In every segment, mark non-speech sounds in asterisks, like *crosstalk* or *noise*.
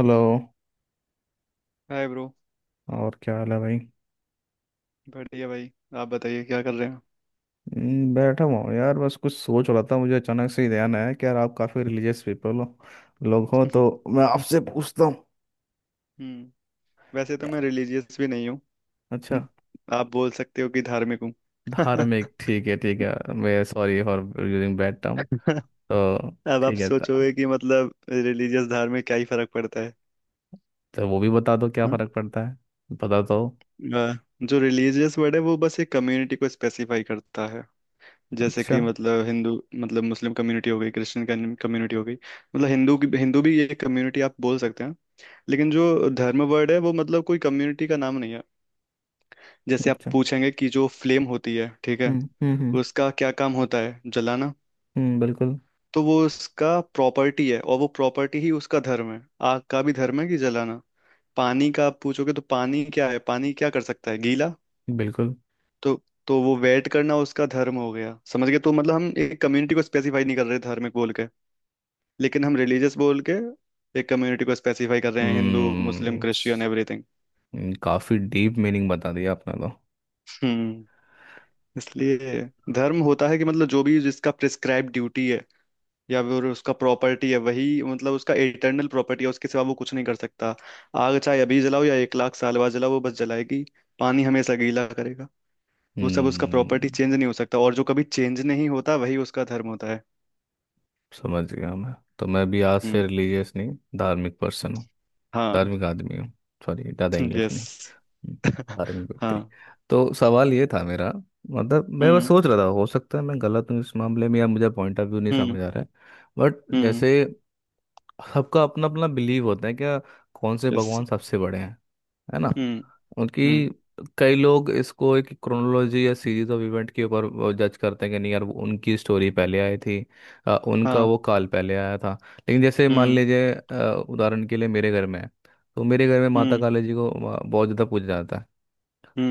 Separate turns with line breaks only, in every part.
Hello.
Hi bro.
और क्या हाल है भाई।
बढ़िया भाई। आप बताइए क्या कर रहे हो?
बैठा हुआ हूँ यार, बस कुछ सोच रहा था। मुझे अचानक से ही ध्यान आया कि यार आप काफ़ी रिलीजियस पीपल हो, लोग हो, तो
*laughs*
मैं आपसे पूछता हूँ।
हम्म। वैसे तो मैं
यार,
रिलीजियस भी नहीं हूँ।
अच्छा।
आप बोल सकते हो कि धार्मिक हूँ। *laughs* अब
धार्मिक ठीक है, ठीक है, मैं sorry for using bad term. तो
आप हाँ।
ठीक है
सोचोगे कि मतलब रिलीजियस धार्मिक क्या ही फर्क पड़ता है।
तो वो भी बता दो क्या
हाँ।
फ़र्क पड़ता है। बता दो।
अ, जो रिलीजियस वर्ड है वो बस एक कम्युनिटी को स्पेसिफाई करता है। जैसे
अच्छा।
कि मतलब हिंदू, मतलब मुस्लिम कम्युनिटी हो गई, क्रिश्चियन कम्युनिटी हो गई, मतलब हिंदू की हिंदू भी ये कम्युनिटी आप बोल सकते हैं। लेकिन जो धर्म वर्ड है वो मतलब कोई कम्युनिटी का नाम नहीं है। जैसे आप
अच्छा।
पूछेंगे कि जो फ्लेम होती है ठीक है,
हम्म। हम्म। हम्म।
उसका क्या काम होता है? जलाना।
बिल्कुल।
तो वो उसका प्रॉपर्टी है और वो प्रॉपर्टी ही उसका धर्म है। आग का भी धर्म है कि जलाना। पानी का आप पूछोगे तो पानी क्या है, पानी क्या कर सकता है? गीला।
बिल्कुल।
तो तो वो वेट करना उसका धर्म हो गया। समझ गए? तो मतलब हम एक कम्युनिटी को स्पेसिफाई नहीं कर रहे धार्मिक बोल के, लेकिन हम रिलीजियस बोल के एक कम्युनिटी को स्पेसिफाई कर रहे हैं। हिंदू मुस्लिम
हम्म।
Christian everything.
काफ़ी डीप मीनिंग बता दिया आपने तो।
हम्म। इसलिए धर्म होता है कि मतलब जो भी जिसका प्रिस्क्राइब ड्यूटी है या फिर उसका प्रॉपर्टी है, वही मतलब उसका इटर्नल प्रॉपर्टी है, उसके सिवा वो कुछ नहीं कर सकता। आग चाहे अभी जलाओ या 1 लाख साल बाद जलाओ, वो बस जलाएगी। पानी हमेशा गीला करेगा। वो सब उसका प्रॉपर्टी
हम्म।
चेंज नहीं हो सकता, और जो कभी चेंज नहीं होता वही उसका धर्म होता है।
समझ गया मैं। तो मैं भी आज से
हम्म।
रिलीजियस नहीं, धार्मिक पर्सन हूँ।
हाँ।
धार्मिक आदमी हूँ। सॉरी, ज़्यादा
*laughs*
इंग्लिश नहीं।
यस।
हम्म,
*laughs*
धार्मिक व्यक्ति।
हाँ।
तो सवाल ये था मेरा। मतलब मैं बस
हम्म।
सोच रहा था, हो सकता है मैं गलत हूँ इस मामले में, या मुझे पॉइंट ऑफ व्यू नहीं
हम्म।
समझ आ रहा है। बट
हम्म।
जैसे, सबका अपना अपना बिलीव होता है क्या। कौन से
यस।
भगवान सबसे बड़े हैं, है ना।
हम्म।
उनकी
हम्म।
कई लोग इसको एक क्रोनोलॉजी या सीरीज ऑफ इवेंट के ऊपर जज करते हैं कि नहीं यार, वो उनकी स्टोरी पहले आई थी। उनका वो
हाँ।
काल पहले आया था। लेकिन जैसे मान
हम्म।
लीजिए, उदाहरण के लिए मेरे घर में है। तो मेरे घर में माता
हम्म।
काली जी को बहुत ज़्यादा पूजा जाता है।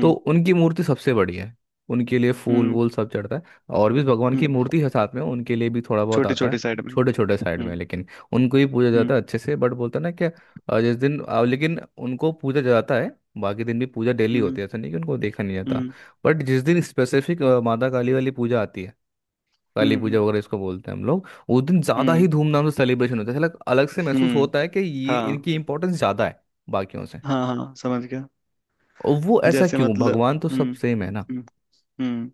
तो उनकी मूर्ति सबसे बड़ी है। उनके लिए फूल
हम्म।
वूल सब चढ़ता है। और भी भगवान की
हम्म।
मूर्ति है साथ में, उनके लिए भी थोड़ा बहुत
छोटी
आता है,
छोटी साइड में।
छोटे छोटे साइड में,
हम्म।
लेकिन उनको ही पूजा
हम्म।
जाता है अच्छे से। बट बोलता है ना क्या, लेकिन उनको पूजा जाता है। बाकी दिन भी पूजा डेली
हम्म।
होती है, ऐसा नहीं कि उनको देखा नहीं जाता।
हम्म।
बट जिस दिन स्पेसिफिक माता काली वाली पूजा आती है, काली पूजा
हम्म।
वगैरह इसको बोलते हैं हम लोग। उस दिन ज़्यादा ही
हम्म।
धूमधाम से सेलिब्रेशन होता है, ऐसा अलग से महसूस
हम्म।
होता है कि ये
हाँ
इनकी इंपॉर्टेंस ज़्यादा है बाकियों से।
हाँ हाँ, समझ गया।
और वो ऐसा
जैसे
क्यों,
मतलब,
भगवान तो सब
हम्म,
सेम है ना।
हम्म, हम्म,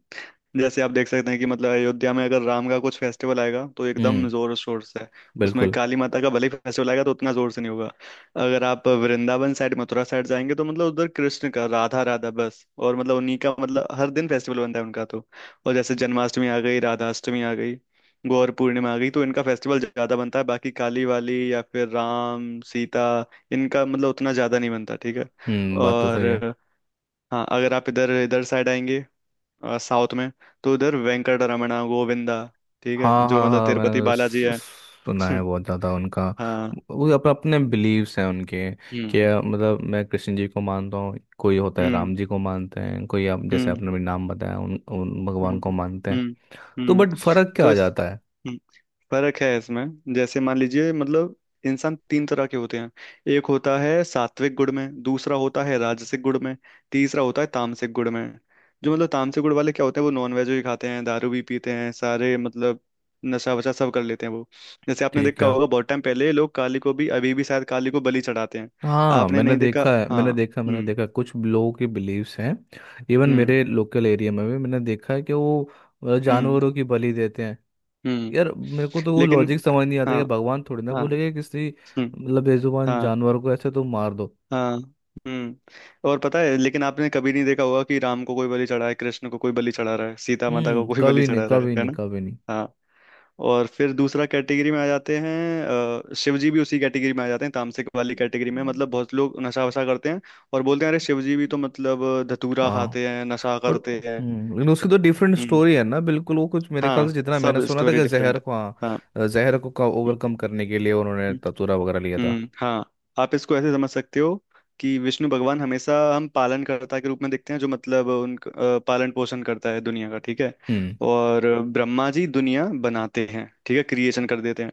जैसे आप देख सकते हैं कि मतलब अयोध्या में अगर राम का कुछ फेस्टिवल आएगा तो एकदम
हम्म।
जोर शोर से। उसमें
बिल्कुल।
काली माता का भले ही फेस्टिवल आएगा तो उतना जोर से नहीं होगा। अगर आप वृंदावन साइड मथुरा साइड जाएंगे तो मतलब उधर कृष्ण का राधा राधा बस, और मतलब उन्हीं का मतलब हर दिन फेस्टिवल बनता है उनका तो। और जैसे जन्माष्टमी आ गई, राधाष्टमी आ गई, गौर पूर्णिमा आ गई, तो इनका फेस्टिवल ज्यादा बनता है। बाकी काली वाली या फिर राम सीता इनका मतलब उतना ज्यादा नहीं बनता, ठीक है।
हम्म। बात तो सही है।
और हाँ, अगर आप इधर इधर साइड आएंगे, साउथ में, तो उधर वेंकट रमणा गोविंदा, ठीक है,
हाँ
जो
हाँ
मतलब
हाँ,
तिरुपति
मैंने
बालाजी है।
सुना है
*laughs*
बहुत ज़्यादा उनका।
हाँ।
वो अपने बिलीव्स हैं उनके, कि
हम्म।
मतलब मैं कृष्ण जी को मानता हूँ, कोई होता है
हम्म।
राम जी को मानते हैं, कोई आप जैसे
हम्म।
आपने भी नाम बताया, उन भगवान को
हम्म।
मानते हैं।
हम्म।
तो
हम्म।
बट फर्क क्या
तो
आ
इस,
जाता है।
हम्म, फर्क है इसमें। जैसे मान लीजिए मतलब इंसान तीन तरह के होते हैं। एक होता है सात्विक गुण में, दूसरा होता है राजसिक गुण में, तीसरा होता है तामसिक गुण में। जो मतलब तामसिक गुण वाले क्या होते हैं, वो नॉनवेज भी खाते हैं, दारू भी पीते हैं, सारे मतलब नशा वशा सब कर लेते हैं वो। जैसे आपने
ठीक
देखा
है।
होगा, बहुत टाइम पहले लोग काली को भी, अभी भी शायद काली को बलि चढ़ाते हैं।
हाँ
आपने
मैंने
नहीं देखा
देखा है,
हाँ।
मैंने देखा, मैंने
हम्म।
देखा कुछ लोगों के बिलीव्स हैं। इवन
हम्म।
मेरे लोकल एरिया में भी मैंने देखा है कि वो
हम्म।
जानवरों की बलि देते हैं।
हम्म।
यार मेरे को तो वो
लेकिन
लॉजिक समझ नहीं आता
हाँ
कि भगवान थोड़ी ना
हाँ।
बोलेगा किसी,
हम्म।
मतलब बेजुबान
हाँ
जानवर को ऐसे तो मार दो।
हाँ। हम्म। और पता है, लेकिन आपने कभी नहीं देखा होगा कि राम को कोई बलि चढ़ा है, कृष्ण को कोई बलि चढ़ा रहा है, सीता माता को
हम्म,
कोई बलि
कभी नहीं,
चढ़ा रहा है
कभी
है
नहीं,
ना।
कभी नहीं।
हाँ। और फिर दूसरा कैटेगरी में आ जाते हैं। शिव जी भी उसी कैटेगरी में आ जाते हैं, तामसिक वाली कैटेगरी में। मतलब बहुत लोग नशा वशा करते हैं और बोलते हैं अरे शिव जी भी तो मतलब धतूरा
हाँ।
खाते हैं नशा
बट।
करते हैं।
हम्म। लेकिन उसकी तो डिफरेंट
हम्म।
स्टोरी है ना, बिल्कुल वो कुछ मेरे ख्याल से
हाँ
जितना मैंने
सब
सुना था
स्टोरी
कि
डिफरेंट
जहर को,
है। हाँ।
हाँ, जहर को ओवरकम करने के लिए उन्होंने
हम्म।
ततुरा वगैरह लिया था।
हम्म। हाँ। आप इसको ऐसे समझ सकते हो कि विष्णु भगवान हमेशा हम पालनकर्ता के रूप में देखते हैं, जो मतलब पालन पोषण करता है दुनिया का, ठीक है।
हम्म।
और ब्रह्मा जी दुनिया बनाते हैं, ठीक है, क्रिएशन कर देते हैं।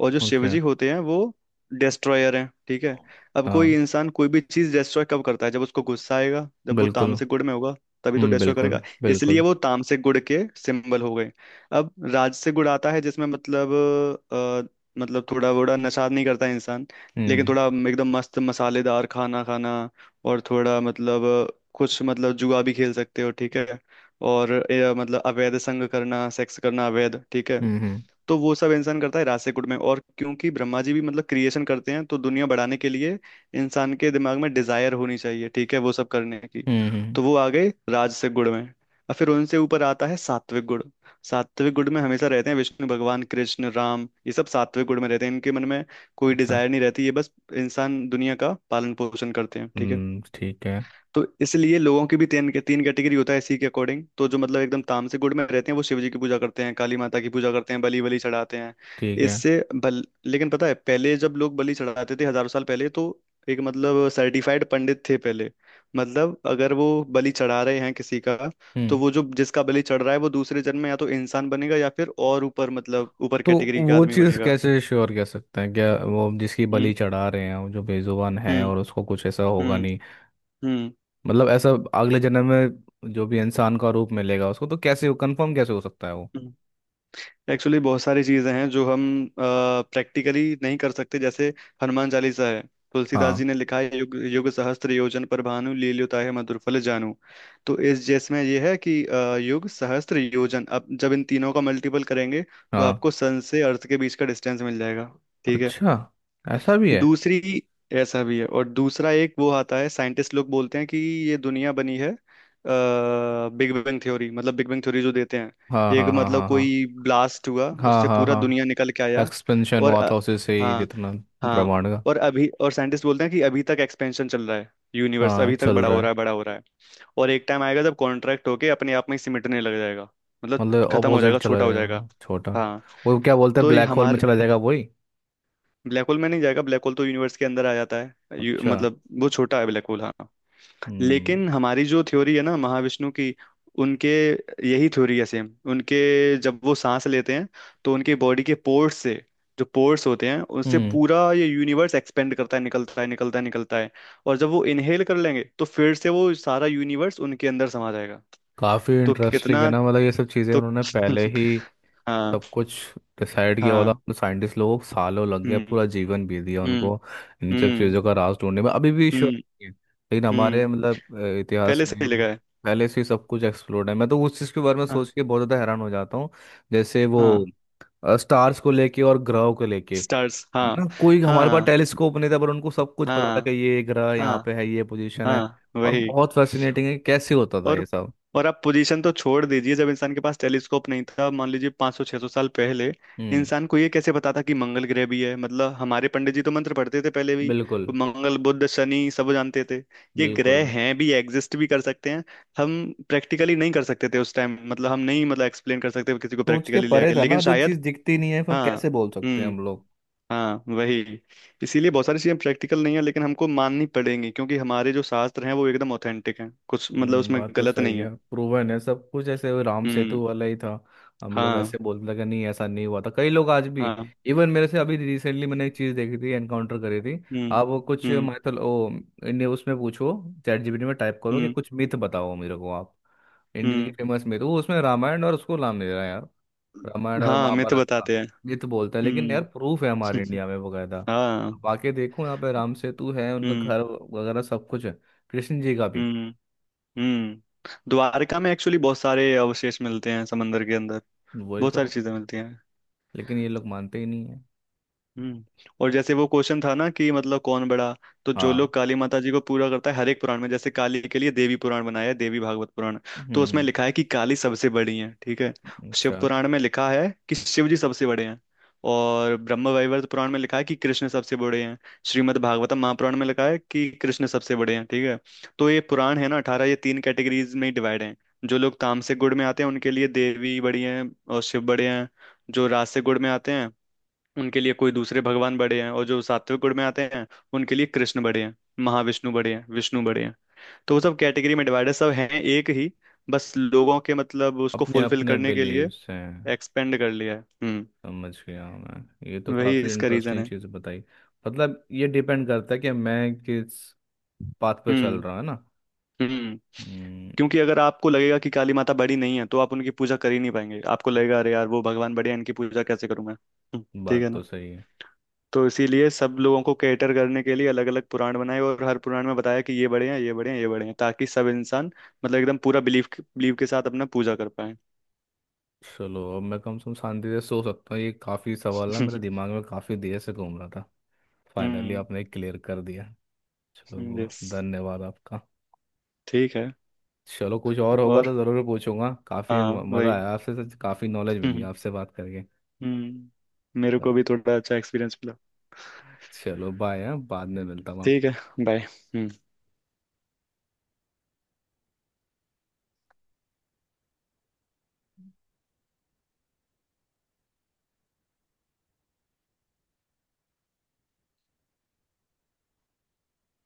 और जो शिव
ओके।
जी होते हैं वो डिस्ट्रॉयर हैं, ठीक है। अब कोई
हाँ।
इंसान कोई भी चीज डिस्ट्रॉय कब करता है? जब उसको गुस्सा आएगा, जब वो
बिल्कुल।
तामसिक गुण में होगा, तभी तो
हम्म।
डिस्ट्रॉय करेगा।
बिल्कुल।
इसलिए
बिल्कुल।
वो तामसिक गुण के सिंबल हो गए। अब राजसिक गुण आता है जिसमें मतलब, अ, मतलब थोड़ा बड़ा नशा नहीं करता इंसान, लेकिन
हम्म।
थोड़ा एकदम मस्त मसालेदार खाना खाना, और थोड़ा मतलब कुछ मतलब जुआ भी खेल सकते हो, ठीक है। और मतलब अवैध संग करना, सेक्स करना अवैध, ठीक है।
हम्म। हम्म।
तो वो सब इंसान करता है रासेकुट में। और क्योंकि ब्रह्मा जी भी मतलब क्रिएशन करते हैं, तो दुनिया बढ़ाने के लिए इंसान के दिमाग में डिजायर होनी चाहिए, ठीक है, वो सब करने की।
हम्म, हम्म,
तो वो आ गए राजसिक गुण में। और फिर उनसे ऊपर आता है सात्विक गुण। सात्विक गुण में हमेशा रहते हैं विष्णु भगवान, कृष्ण, राम, ये सब सात्विक गुण में रहते हैं। इनके मन में कोई
अच्छा।
डिजायर नहीं रहती, ये बस इंसान दुनिया का पालन पोषण करते हैं, ठीक है।
हम्म। ठीक है।
तो इसलिए लोगों की भी तीन तीन कैटेगरी होता है इसी के अकॉर्डिंग। तो जो मतलब एकदम तामसिक गुण में रहते हैं वो शिव जी की पूजा करते हैं, काली माता की पूजा करते हैं, बलि बलि चढ़ाते हैं।
ठीक है।
इससे बल, लेकिन पता है पहले जब लोग बलि चढ़ाते थे हजारों साल पहले, तो एक मतलब सर्टिफाइड पंडित थे पहले। मतलब अगर वो बलि चढ़ा रहे हैं किसी का, तो
हम्म।
वो जो जिसका बलि चढ़ रहा है वो दूसरे जन्म में या तो इंसान बनेगा या फिर और ऊपर मतलब ऊपर
तो
कैटेगरी का
वो
आदमी
चीज़
बनेगा।
कैसे श्योर कह सकते हैं क्या, वो जिसकी
हम्म।
बलि चढ़ा रहे हैं वो जो बेजुबान है,
हम्म।
और उसको कुछ ऐसा होगा
हम्म।
नहीं।
हम्म।
मतलब ऐसा, अगले जन्म में जो भी इंसान का रूप मिलेगा उसको, तो कैसे कंफर्म कैसे हो सकता है वो।
हम्म। एक्चुअली बहुत सारी चीजें हैं जो हम प्रैक्टिकली नहीं कर सकते। जैसे हनुमान चालीसा है, तुलसीदास
हाँ।
जी ने लिखा है युग युग सहस्त्र योजन पर भानु लील्यो ताहि मधुर फल जानू। तो इस जिसमें ये है कि युग सहस्त्र योजन, अब जब इन तीनों का मल्टीपल करेंगे तो
हाँ।
आपको सन से अर्थ के बीच का डिस्टेंस मिल जाएगा, ठीक है।
अच्छा, ऐसा भी है।
दूसरी ऐसा भी है। और दूसरा एक वो आता है साइंटिस्ट लोग बोलते हैं कि ये दुनिया बनी है बिग बैंग थ्योरी, मतलब बिग बैंग थ्योरी जो देते हैं,
हाँ
एक
हाँ हाँ
मतलब
हाँ
कोई ब्लास्ट हुआ
हाँ
उससे
हाँ हाँ
पूरा दुनिया निकल के
हाँ।
आया।
एक्सपेंशन
और
हुआ था उसी से ही,
हाँ
जितना
हाँ।
ब्रह्मांड का।
और अभी और साइंटिस्ट बोलते हैं कि अभी तक एक्सपेंशन चल रहा है, यूनिवर्स
हाँ
अभी तक
चल
बड़ा
रहा
हो
है।
रहा है बड़ा हो रहा है। और एक टाइम आएगा जब कॉन्ट्रैक्ट होके अपने आप में ही सिमटने लग जाएगा, मतलब
मतलब
खत्म हो
ऑपोजिट
जाएगा
चला
छोटा हो जाएगा।
जाएगा, छोटा।
हाँ।
वो क्या बोलते हैं,
तो ये
ब्लैक होल में
हमारे
चला जाएगा, वही।
ब्लैक होल में नहीं जाएगा। ब्लैक होल तो यूनिवर्स के अंदर आ जाता है।
अच्छा।
मतलब वो छोटा है ब्लैक होल हाँ।
हम्म।
लेकिन हमारी जो थ्योरी है ना महाविष्णु की, उनके यही थ्योरी है सेम, उनके जब वो सांस लेते हैं तो उनके बॉडी के पोर्स से, जो पोर्स होते हैं उससे
हम्म।
पूरा ये यूनिवर्स एक्सपेंड करता है, निकलता है निकलता है निकलता है। और जब वो इनहेल कर लेंगे तो फिर से वो सारा यूनिवर्स उनके अंदर समा जाएगा।
काफी
तो
इंटरेस्टिंग है
कितना,
ना, मतलब ये सब चीजें
तो
उन्होंने पहले
*laughs*
ही
हाँ।
सब कुछ डिसाइड किया हुआ
हाँ।
था। साइंटिस्ट लोगों को सालों लग गया,
हम्म।
पूरा जीवन बीत गया
हम्म।
उनको इन सब
हम्म।
चीजों का राज ढूंढने में, अभी भी श्योर
हम्म।
नहीं है। लेकिन हमारे,
हम्म।
मतलब इतिहास
पहले से
में
ही लगा है।
पहले से ही सब कुछ एक्सप्लोर्ड है। मैं तो उस चीज के बारे में सोच
हाँ।
के बहुत ज्यादा हैरान हो जाता हूँ। जैसे वो
हाँ।
स्टार्स को लेके और ग्रहों को लेके,
स्टार्स
है
हाँ।
ना। कोई हमारे पास
हाँ
टेलीस्कोप नहीं था पर उनको सब कुछ पता था कि
हाँ
ये ग्रह यहाँ
हाँ
पे है, ये पोजीशन है।
हाँ।
और
वही।
बहुत फैसिनेटिंग है कि कैसे होता था
और
ये सब।
और आप पोजीशन तो छोड़ दीजिए। जब इंसान के पास टेलीस्कोप नहीं था, मान लीजिए 500 600 साल पहले,
हम्म।
इंसान को ये कैसे पता था कि मंगल ग्रह भी है। मतलब हमारे पंडित जी तो मंत्र पढ़ते थे पहले भी,
बिल्कुल।
वो मंगल बुध शनि सब जानते थे। ये
बिल्कुल।
ग्रह हैं भी, एग्जिस्ट भी कर सकते हैं, हम प्रैक्टिकली नहीं कर सकते थे उस टाइम। मतलब हम नहीं मतलब एक्सप्लेन कर सकते किसी को
सोच के
प्रैक्टिकली ले
परे
आके,
था ना,
लेकिन
जो
शायद
चीज दिखती नहीं है फिर
हाँ।
कैसे बोल सकते हैं
हम्म।
हम लोग।
हाँ वही। इसीलिए बहुत सारी चीजें प्रैक्टिकल नहीं है, लेकिन हमको माननी पड़ेंगी, क्योंकि हमारे जो शास्त्र हैं वो एकदम ऑथेंटिक हैं, कुछ मतलब उसमें
बात तो
गलत
सही
नहीं
है,
है।
प्रूवन है सब कुछ ऐसे। वो राम सेतु
हम्म।
वाला ही था, हम लोग
हाँ।
ऐसे बोलते थे कि नहीं ऐसा नहीं हुआ था, कई लोग आज भी।
हाँ।
इवन मेरे से अभी रिसेंटली मैंने एक चीज़ देखी थी, एनकाउंटर करी थी।
हम्म।
आप वो कुछ
हम्म।
मैथल ओ इन्हें उसमें पूछो। चैट जीपीटी में टाइप करो कि
हम्म।
कुछ मिथ बताओ मेरे को आप, इंडियन की
हम्म।
Famous myth. वो उसमें रामायण और उसको नाम दे रहा है यार, रामायण और
हाँ मैं तो
महाभारत का
बताते हैं।
मिथ बोलता है। लेकिन यार
हम्म।
प्रूफ है हमारे इंडिया में बकायदा।
*laughs* हाँ।
अब आके देखो, यहाँ पे राम सेतु है, उनका
हम्म।
घर वगैरह सब कुछ है। कृष्ण जी का भी,
हम्म। हम्म। द्वारका में एक्चुअली बहुत सारे अवशेष मिलते हैं समंदर के अंदर,
वही
बहुत
तो।
सारी चीजें मिलती हैं।
लेकिन ये लोग मानते ही नहीं है।
हम्म। और जैसे वो क्वेश्चन था ना कि मतलब कौन बड़ा, तो जो
हाँ।
लोग काली माता जी को पूरा करता है हर एक पुराण में। जैसे काली के लिए देवी पुराण बनाया है, देवी भागवत पुराण,
हम्म।
तो उसमें लिखा है कि काली सबसे बड़ी है, ठीक है। शिव
अच्छा।
पुराण में लिखा है कि शिव जी सबसे बड़े हैं। और ब्रह्म वैवर्त पुराण में लिखा है कि कृष्ण सबसे बड़े हैं। श्रीमद् भागवतम महापुराण में लिखा है कि कृष्ण सबसे बड़े हैं, ठीक है। तो ये पुराण है ना 18, ये तीन कैटेगरीज में डिवाइड हैं। जो लोग तामसिक गुण में आते हैं उनके लिए देवी बड़ी हैं और शिव बड़े हैं। जो राजसिक गुण में आते हैं उनके लिए कोई दूसरे भगवान बड़े हैं। और जो सात्विक गुण में आते हैं उनके लिए कृष्ण बड़े हैं, महाविष्णु बड़े हैं, विष्णु बड़े हैं। तो वो सब कैटेगरी में डिवाइडेड सब हैं एक ही, बस लोगों के मतलब उसको
अपने
फुलफिल
अपने
करने के लिए
बिलीव्स हैं।
एक्सपेंड कर लिया है। हम्म।
समझ गया मैं, ये तो
वही
काफ़ी
इसका रीजन
इंटरेस्टिंग
है।
चीज़ बताई। मतलब ये डिपेंड करता है कि मैं किस पाथ पे चल
हम्म।
रहा, है ना।
हम्म।
हम्म।
क्योंकि अगर आपको लगेगा कि काली माता बड़ी नहीं है तो आप उनकी पूजा कर ही नहीं पाएंगे, आपको लगेगा अरे यार वो भगवान बड़े हैं इनकी पूजा कैसे करूं मैं, ठीक
बात
है ना।
तो सही है।
तो इसीलिए सब लोगों को कैटर करने के लिए अलग अलग पुराण बनाए, और हर पुराण में बताया कि ये बड़े हैं ये बड़े हैं ये बड़े हैं, ताकि सब इंसान मतलब एकदम पूरा बिलीफ बिलीव के साथ अपना पूजा कर पाए।
चलो, अब मैं कम से कम शांति से सो सकता हूँ। ये काफ़ी सवाल ना मेरे
*laughs*
दिमाग में काफ़ी देर से घूम रहा था, फाइनली
हम्म।
आपने क्लियर कर दिया। चलो वो,
यस।
धन्यवाद आपका।
ठीक है।
चलो कुछ और होगा
और
तो ज़रूर पूछूंगा। काफ़ी
हाँ
मज़ा
वही।
आया आपसे, काफ़ी नॉलेज मिली
हम्म।
आपसे बात करके।
मेरे को भी थोड़ा अच्छा एक्सपीरियंस मिला।
चलो बाय। हाँ बाद में मिलता हूँ।
ठीक है। बाय हम्म।